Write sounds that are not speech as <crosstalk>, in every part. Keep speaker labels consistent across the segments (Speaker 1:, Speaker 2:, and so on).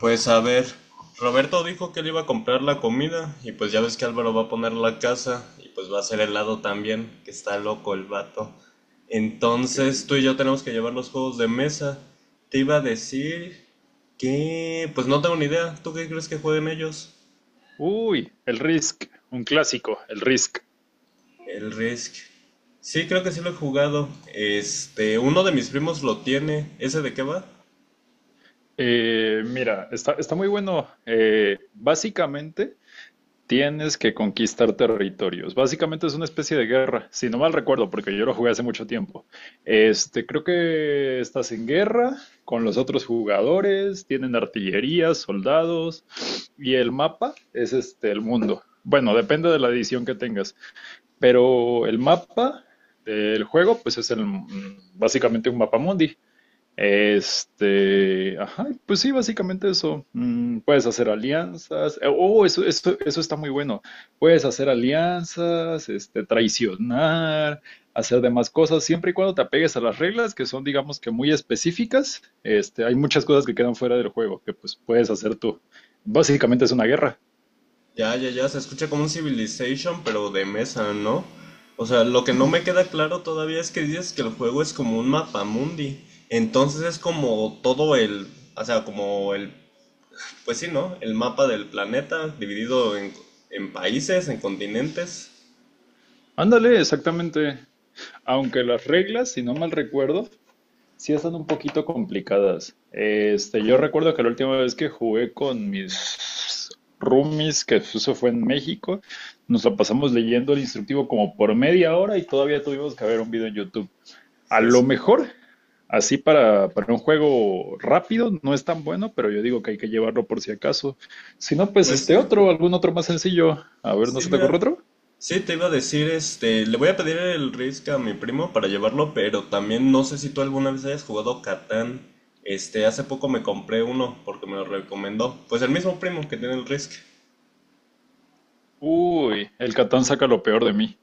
Speaker 1: Pues a ver, Roberto dijo que él iba a comprar la comida y pues ya ves que Álvaro va a poner la casa y pues va a hacer helado también, que está loco el vato.
Speaker 2: Ok.
Speaker 1: Entonces tú y yo tenemos que llevar los juegos de mesa. Te iba a decir que... Pues no tengo ni idea, ¿tú qué crees que jueguen ellos?
Speaker 2: Uy, el Risk, un clásico, el Risk.
Speaker 1: El Risk. Sí, creo que sí lo he jugado. Este, uno de mis primos lo tiene. ¿Ese de qué va?
Speaker 2: Mira, está muy bueno. Básicamente tienes que conquistar territorios. Básicamente es una especie de guerra, si no mal recuerdo, porque yo lo jugué hace mucho tiempo. Este, creo que estás en guerra con los otros jugadores, tienen artillería, soldados, y el mapa es este, el mundo. Bueno, depende de la edición que tengas. Pero el mapa del juego, pues es básicamente un mapa mundi. Este, ajá, pues sí, básicamente eso. Puedes hacer alianzas. Oh, eso está muy bueno. Puedes hacer alianzas, este, traicionar, hacer demás cosas, siempre y cuando te apegues a las reglas que son, digamos que muy específicas. Este, hay muchas cosas que quedan fuera del juego que pues puedes hacer tú. Básicamente es una guerra.
Speaker 1: Ya, ya, ya, se escucha como un Civilization, pero de mesa, ¿no? O sea, lo que no me queda claro todavía es que dices que el juego es como un mapamundi. Entonces es como todo el, o sea, como el, pues sí, ¿no? El mapa del planeta dividido en países, en continentes.
Speaker 2: Ándale, exactamente. Aunque las reglas, si no mal recuerdo, sí, están un poquito complicadas. Este, yo recuerdo que la última vez que jugué con mis roomies, que eso fue en México, nos la pasamos leyendo el instructivo como por media hora y todavía tuvimos que ver un video en YouTube. A lo
Speaker 1: Jesús.
Speaker 2: mejor, así para un juego rápido, no es tan bueno, pero yo digo que hay que llevarlo por si acaso. Si no, pues
Speaker 1: Pues sí.
Speaker 2: este otro, algún otro más sencillo. A ver, ¿no
Speaker 1: Sí,
Speaker 2: se te ocurre
Speaker 1: mira.
Speaker 2: otro?
Speaker 1: Sí, te iba a decir, este, le voy a pedir el Risk a mi primo para llevarlo, pero también no sé si tú alguna vez hayas jugado Catán. Este, hace poco me compré uno porque me lo recomendó. Pues el mismo primo que tiene el Risk.
Speaker 2: Uy, el Catán saca lo peor de mí.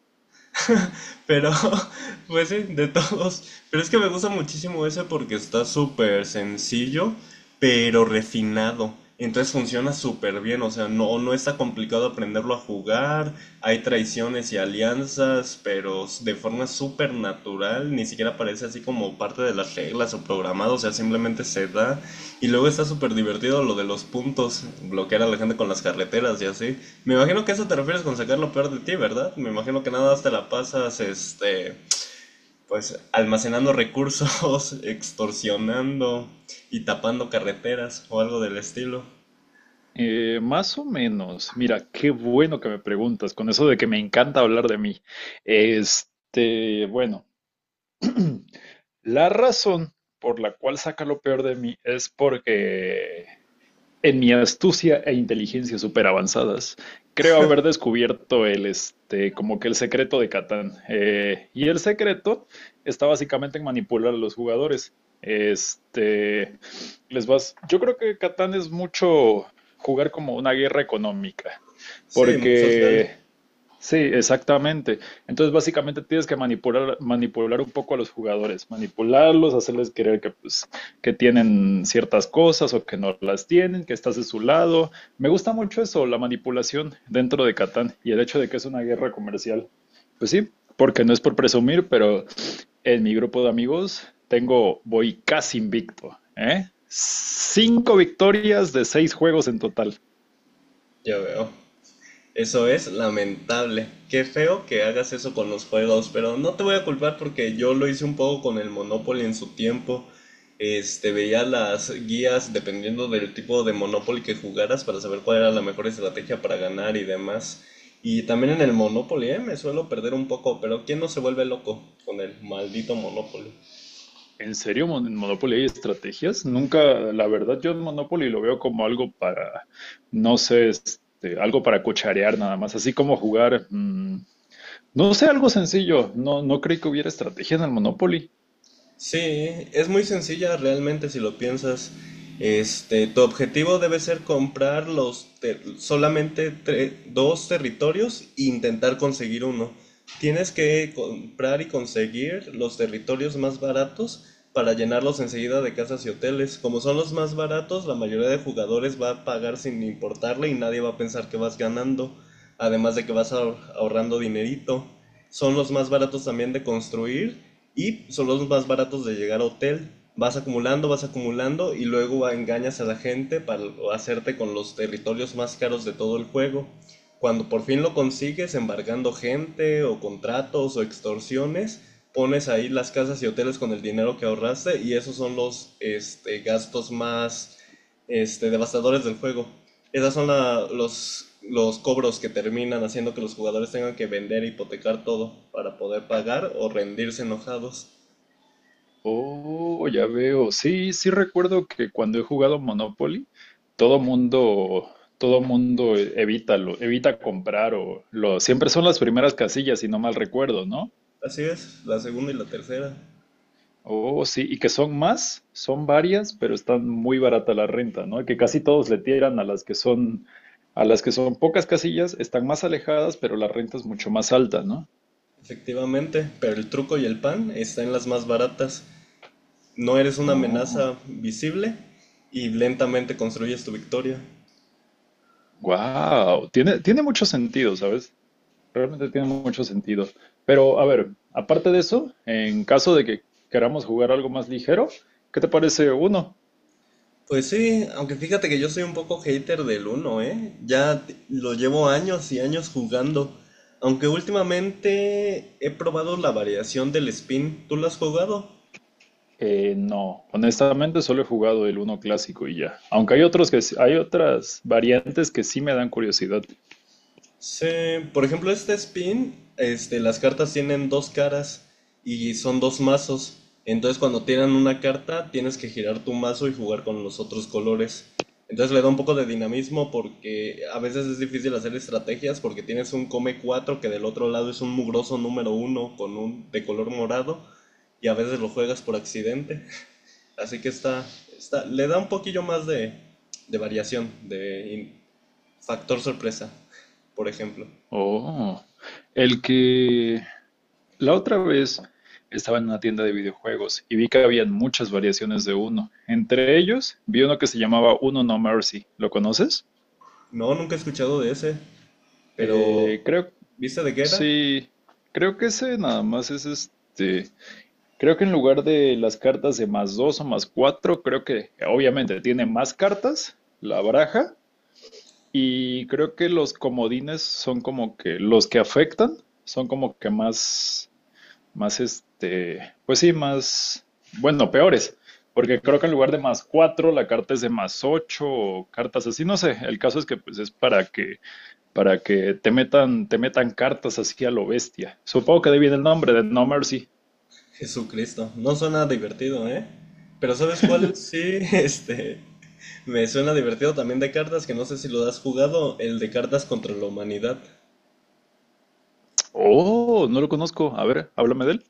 Speaker 1: Pero, <laughs> pues sí, de todos. Pero es que me gusta muchísimo ese porque está súper sencillo, pero refinado. Entonces funciona súper bien, o sea, no está complicado aprenderlo a jugar, hay traiciones y alianzas, pero de forma súper natural, ni siquiera parece así como parte de las reglas o programado, o sea, simplemente se da y luego está súper divertido lo de los puntos, bloquear a la gente con las carreteras y así. Me imagino que eso te refieres con sacar lo peor de ti, ¿verdad? Me imagino que nada más te la pasas, este, pues almacenando recursos, <laughs> extorsionando y tapando carreteras o algo del estilo.
Speaker 2: Más o menos. Mira, qué bueno que me preguntas con eso de que me encanta hablar de mí. Este, bueno, <clears throat> la razón por la cual saca lo peor de mí es porque en mi astucia e inteligencia súper avanzadas, creo haber descubierto el, este, como que el secreto de Catán. Y el secreto está básicamente en manipular a los jugadores. Este, les vas, yo creo que Catán es mucho jugar como una guerra económica,
Speaker 1: Sí, muy social,
Speaker 2: porque sí, exactamente. Entonces, básicamente tienes que manipular un poco a los jugadores, manipularlos, hacerles creer que, pues, que tienen ciertas cosas o que no las tienen, que estás de su lado. Me gusta mucho eso, la manipulación dentro de Catán y el hecho de que es una guerra comercial. Pues sí, porque no es por presumir, pero en mi grupo de amigos tengo, voy casi invicto, ¿eh? Cinco victorias de seis juegos en total.
Speaker 1: ya veo. Eso es lamentable. Qué feo que hagas eso con los juegos, pero no te voy a culpar porque yo lo hice un poco con el Monopoly en su tiempo. Este, veía las guías dependiendo del tipo de Monopoly que jugaras para saber cuál era la mejor estrategia para ganar y demás. Y también en el Monopoly, me suelo perder un poco, pero ¿quién no se vuelve loco con el maldito Monopoly?
Speaker 2: ¿En serio en Monopoly hay estrategias? Nunca, la verdad, yo Monopoly lo veo como algo para, no sé, este, algo para cucharear nada más, así como jugar, no sé, algo sencillo. No, no creí que hubiera estrategia en el Monopoly.
Speaker 1: Sí, es muy sencilla realmente si lo piensas. Este, tu objetivo debe ser comprar solamente dos territorios e intentar conseguir uno. Tienes que comprar y conseguir los territorios más baratos para llenarlos enseguida de casas y hoteles. Como son los más baratos, la mayoría de jugadores va a pagar sin importarle y nadie va a pensar que vas ganando, además de que ahorrando dinerito. Son los más baratos también de construir y son los más baratos de llegar a hotel. Vas acumulando y luego engañas a la gente para hacerte con los territorios más caros de todo el juego. Cuando por fin lo consigues, embargando gente o contratos o extorsiones, pones ahí las casas y hoteles con el dinero que ahorraste y esos son los gastos más devastadores del juego. Esos son los cobros que terminan haciendo que los jugadores tengan que vender e hipotecar todo para poder pagar o rendirse enojados.
Speaker 2: Oh, ya veo. Sí, sí recuerdo que cuando he jugado Monopoly, todo mundo, todo mundo evita comprar siempre son las primeras casillas, si no mal recuerdo, ¿no?
Speaker 1: Así es, la segunda y la tercera.
Speaker 2: Oh, sí, y que son varias, pero están muy barata la renta, ¿no? Que casi todos le tiran a las que son pocas casillas, están más alejadas, pero la renta es mucho más alta, ¿no?
Speaker 1: Efectivamente, pero el truco y el pan están en las más baratas. No eres una
Speaker 2: Oh,
Speaker 1: amenaza visible y lentamente construyes tu victoria.
Speaker 2: wow, tiene mucho sentido, ¿sabes? Realmente tiene mucho sentido. Pero, a ver, aparte de eso, en caso de que queramos jugar algo más ligero, ¿qué te parece uno?
Speaker 1: Pues sí, aunque fíjate que yo soy un poco hater del uno, ¿eh? Lo llevo años y años jugando. Aunque últimamente he probado la variación del spin. ¿Tú lo has jugado?
Speaker 2: No, honestamente solo he jugado el uno clásico y ya. Aunque hay otras variantes que sí me dan curiosidad.
Speaker 1: Sí, por ejemplo, este spin, las cartas tienen dos caras y son dos mazos. Entonces, cuando tiran una carta, tienes que girar tu mazo y jugar con los otros colores. Entonces, le da un poco de dinamismo porque a veces es difícil hacer estrategias porque tienes un come 4 que del otro lado es un mugroso número uno con un de color morado y a veces lo juegas por accidente. Así que está, le da un poquillo más de variación, factor sorpresa, por ejemplo.
Speaker 2: Oh, el que la otra vez estaba en una tienda de videojuegos y vi que habían muchas variaciones de uno. Entre ellos vi uno que se llamaba Uno No Mercy. ¿Lo conoces?
Speaker 1: No, nunca he escuchado de ese, pero
Speaker 2: Eh, creo,
Speaker 1: ¿viste de qué era?
Speaker 2: sí, creo que ese nada más es este. Creo que en lugar de las cartas de más dos o más cuatro, creo que obviamente tiene más cartas la baraja y creo que los comodines son como que los que afectan, son como que más este, pues sí, más, bueno, peores, porque creo que en lugar de más cuatro, la carta es de más ocho o cartas así, no sé, el caso es que pues es para que, te metan cartas así a lo bestia. Supongo que de ahí viene el nombre de No Mercy.
Speaker 1: Jesucristo. No suena divertido, ¿eh? Pero ¿sabes cuál?
Speaker 2: <laughs>
Speaker 1: Sí, <laughs> me suena divertido también de cartas, que no sé si lo has jugado, el de cartas contra la humanidad.
Speaker 2: Oh, no lo conozco. A ver, háblame de él.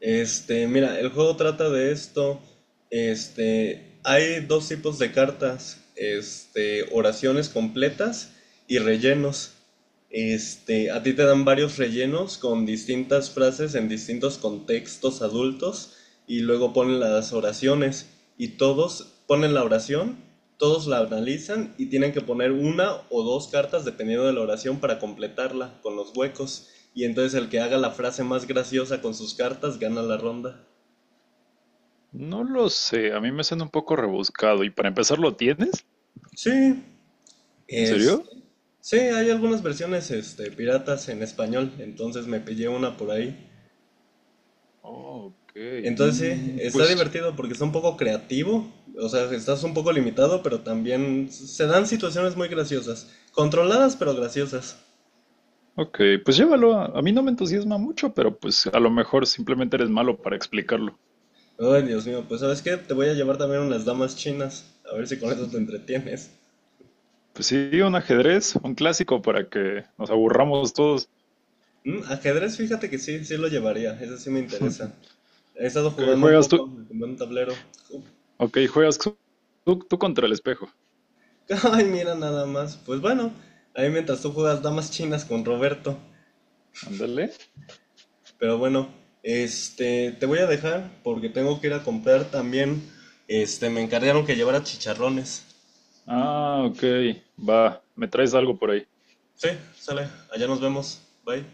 Speaker 1: Este, mira, el juego trata de esto. Este, hay dos tipos de cartas. Este, oraciones completas y rellenos. Este, a ti te dan varios rellenos con distintas frases en distintos contextos adultos y luego ponen las oraciones y todos ponen la oración, todos la analizan y tienen que poner una o dos cartas dependiendo de la oración para completarla con los huecos. Y entonces el que haga la frase más graciosa con sus cartas gana la ronda.
Speaker 2: No lo sé, a mí me suena un poco rebuscado. ¿Y para empezar lo tienes?
Speaker 1: Sí,
Speaker 2: ¿En
Speaker 1: es,
Speaker 2: serio?
Speaker 1: sí, hay algunas versiones este, piratas en español, entonces me pillé una por ahí.
Speaker 2: Oh, ok.
Speaker 1: Entonces sí, está
Speaker 2: Pues,
Speaker 1: divertido porque es un poco creativo, o sea, estás un poco limitado, pero también se dan situaciones muy graciosas, controladas pero graciosas.
Speaker 2: ok, pues llévalo. A mí no me entusiasma mucho, pero pues a lo mejor simplemente eres malo para explicarlo.
Speaker 1: Ay, Dios mío, pues ¿sabes qué? Te voy a llevar también unas damas chinas, a ver si con eso te entretienes.
Speaker 2: Pues sí, un ajedrez, un clásico para que nos aburramos todos.
Speaker 1: Mm, ajedrez, fíjate que sí, sí lo llevaría, eso sí me interesa.
Speaker 2: <laughs>
Speaker 1: He estado
Speaker 2: Ok,
Speaker 1: jugando un
Speaker 2: juegas tú.
Speaker 1: poco, me compré un tablero. Ju-
Speaker 2: Ok, juegas tú, tú contra el espejo.
Speaker 1: <laughs> Ay, mira nada más. Pues bueno, ahí mientras tú juegas damas chinas con Roberto.
Speaker 2: Ándale.
Speaker 1: Pero bueno, te voy a dejar porque tengo que ir a comprar también. Este, me encargaron que llevara chicharrones.
Speaker 2: Ah, ok, va. Me traes algo por ahí.
Speaker 1: Sí, sale, allá nos vemos. Bye.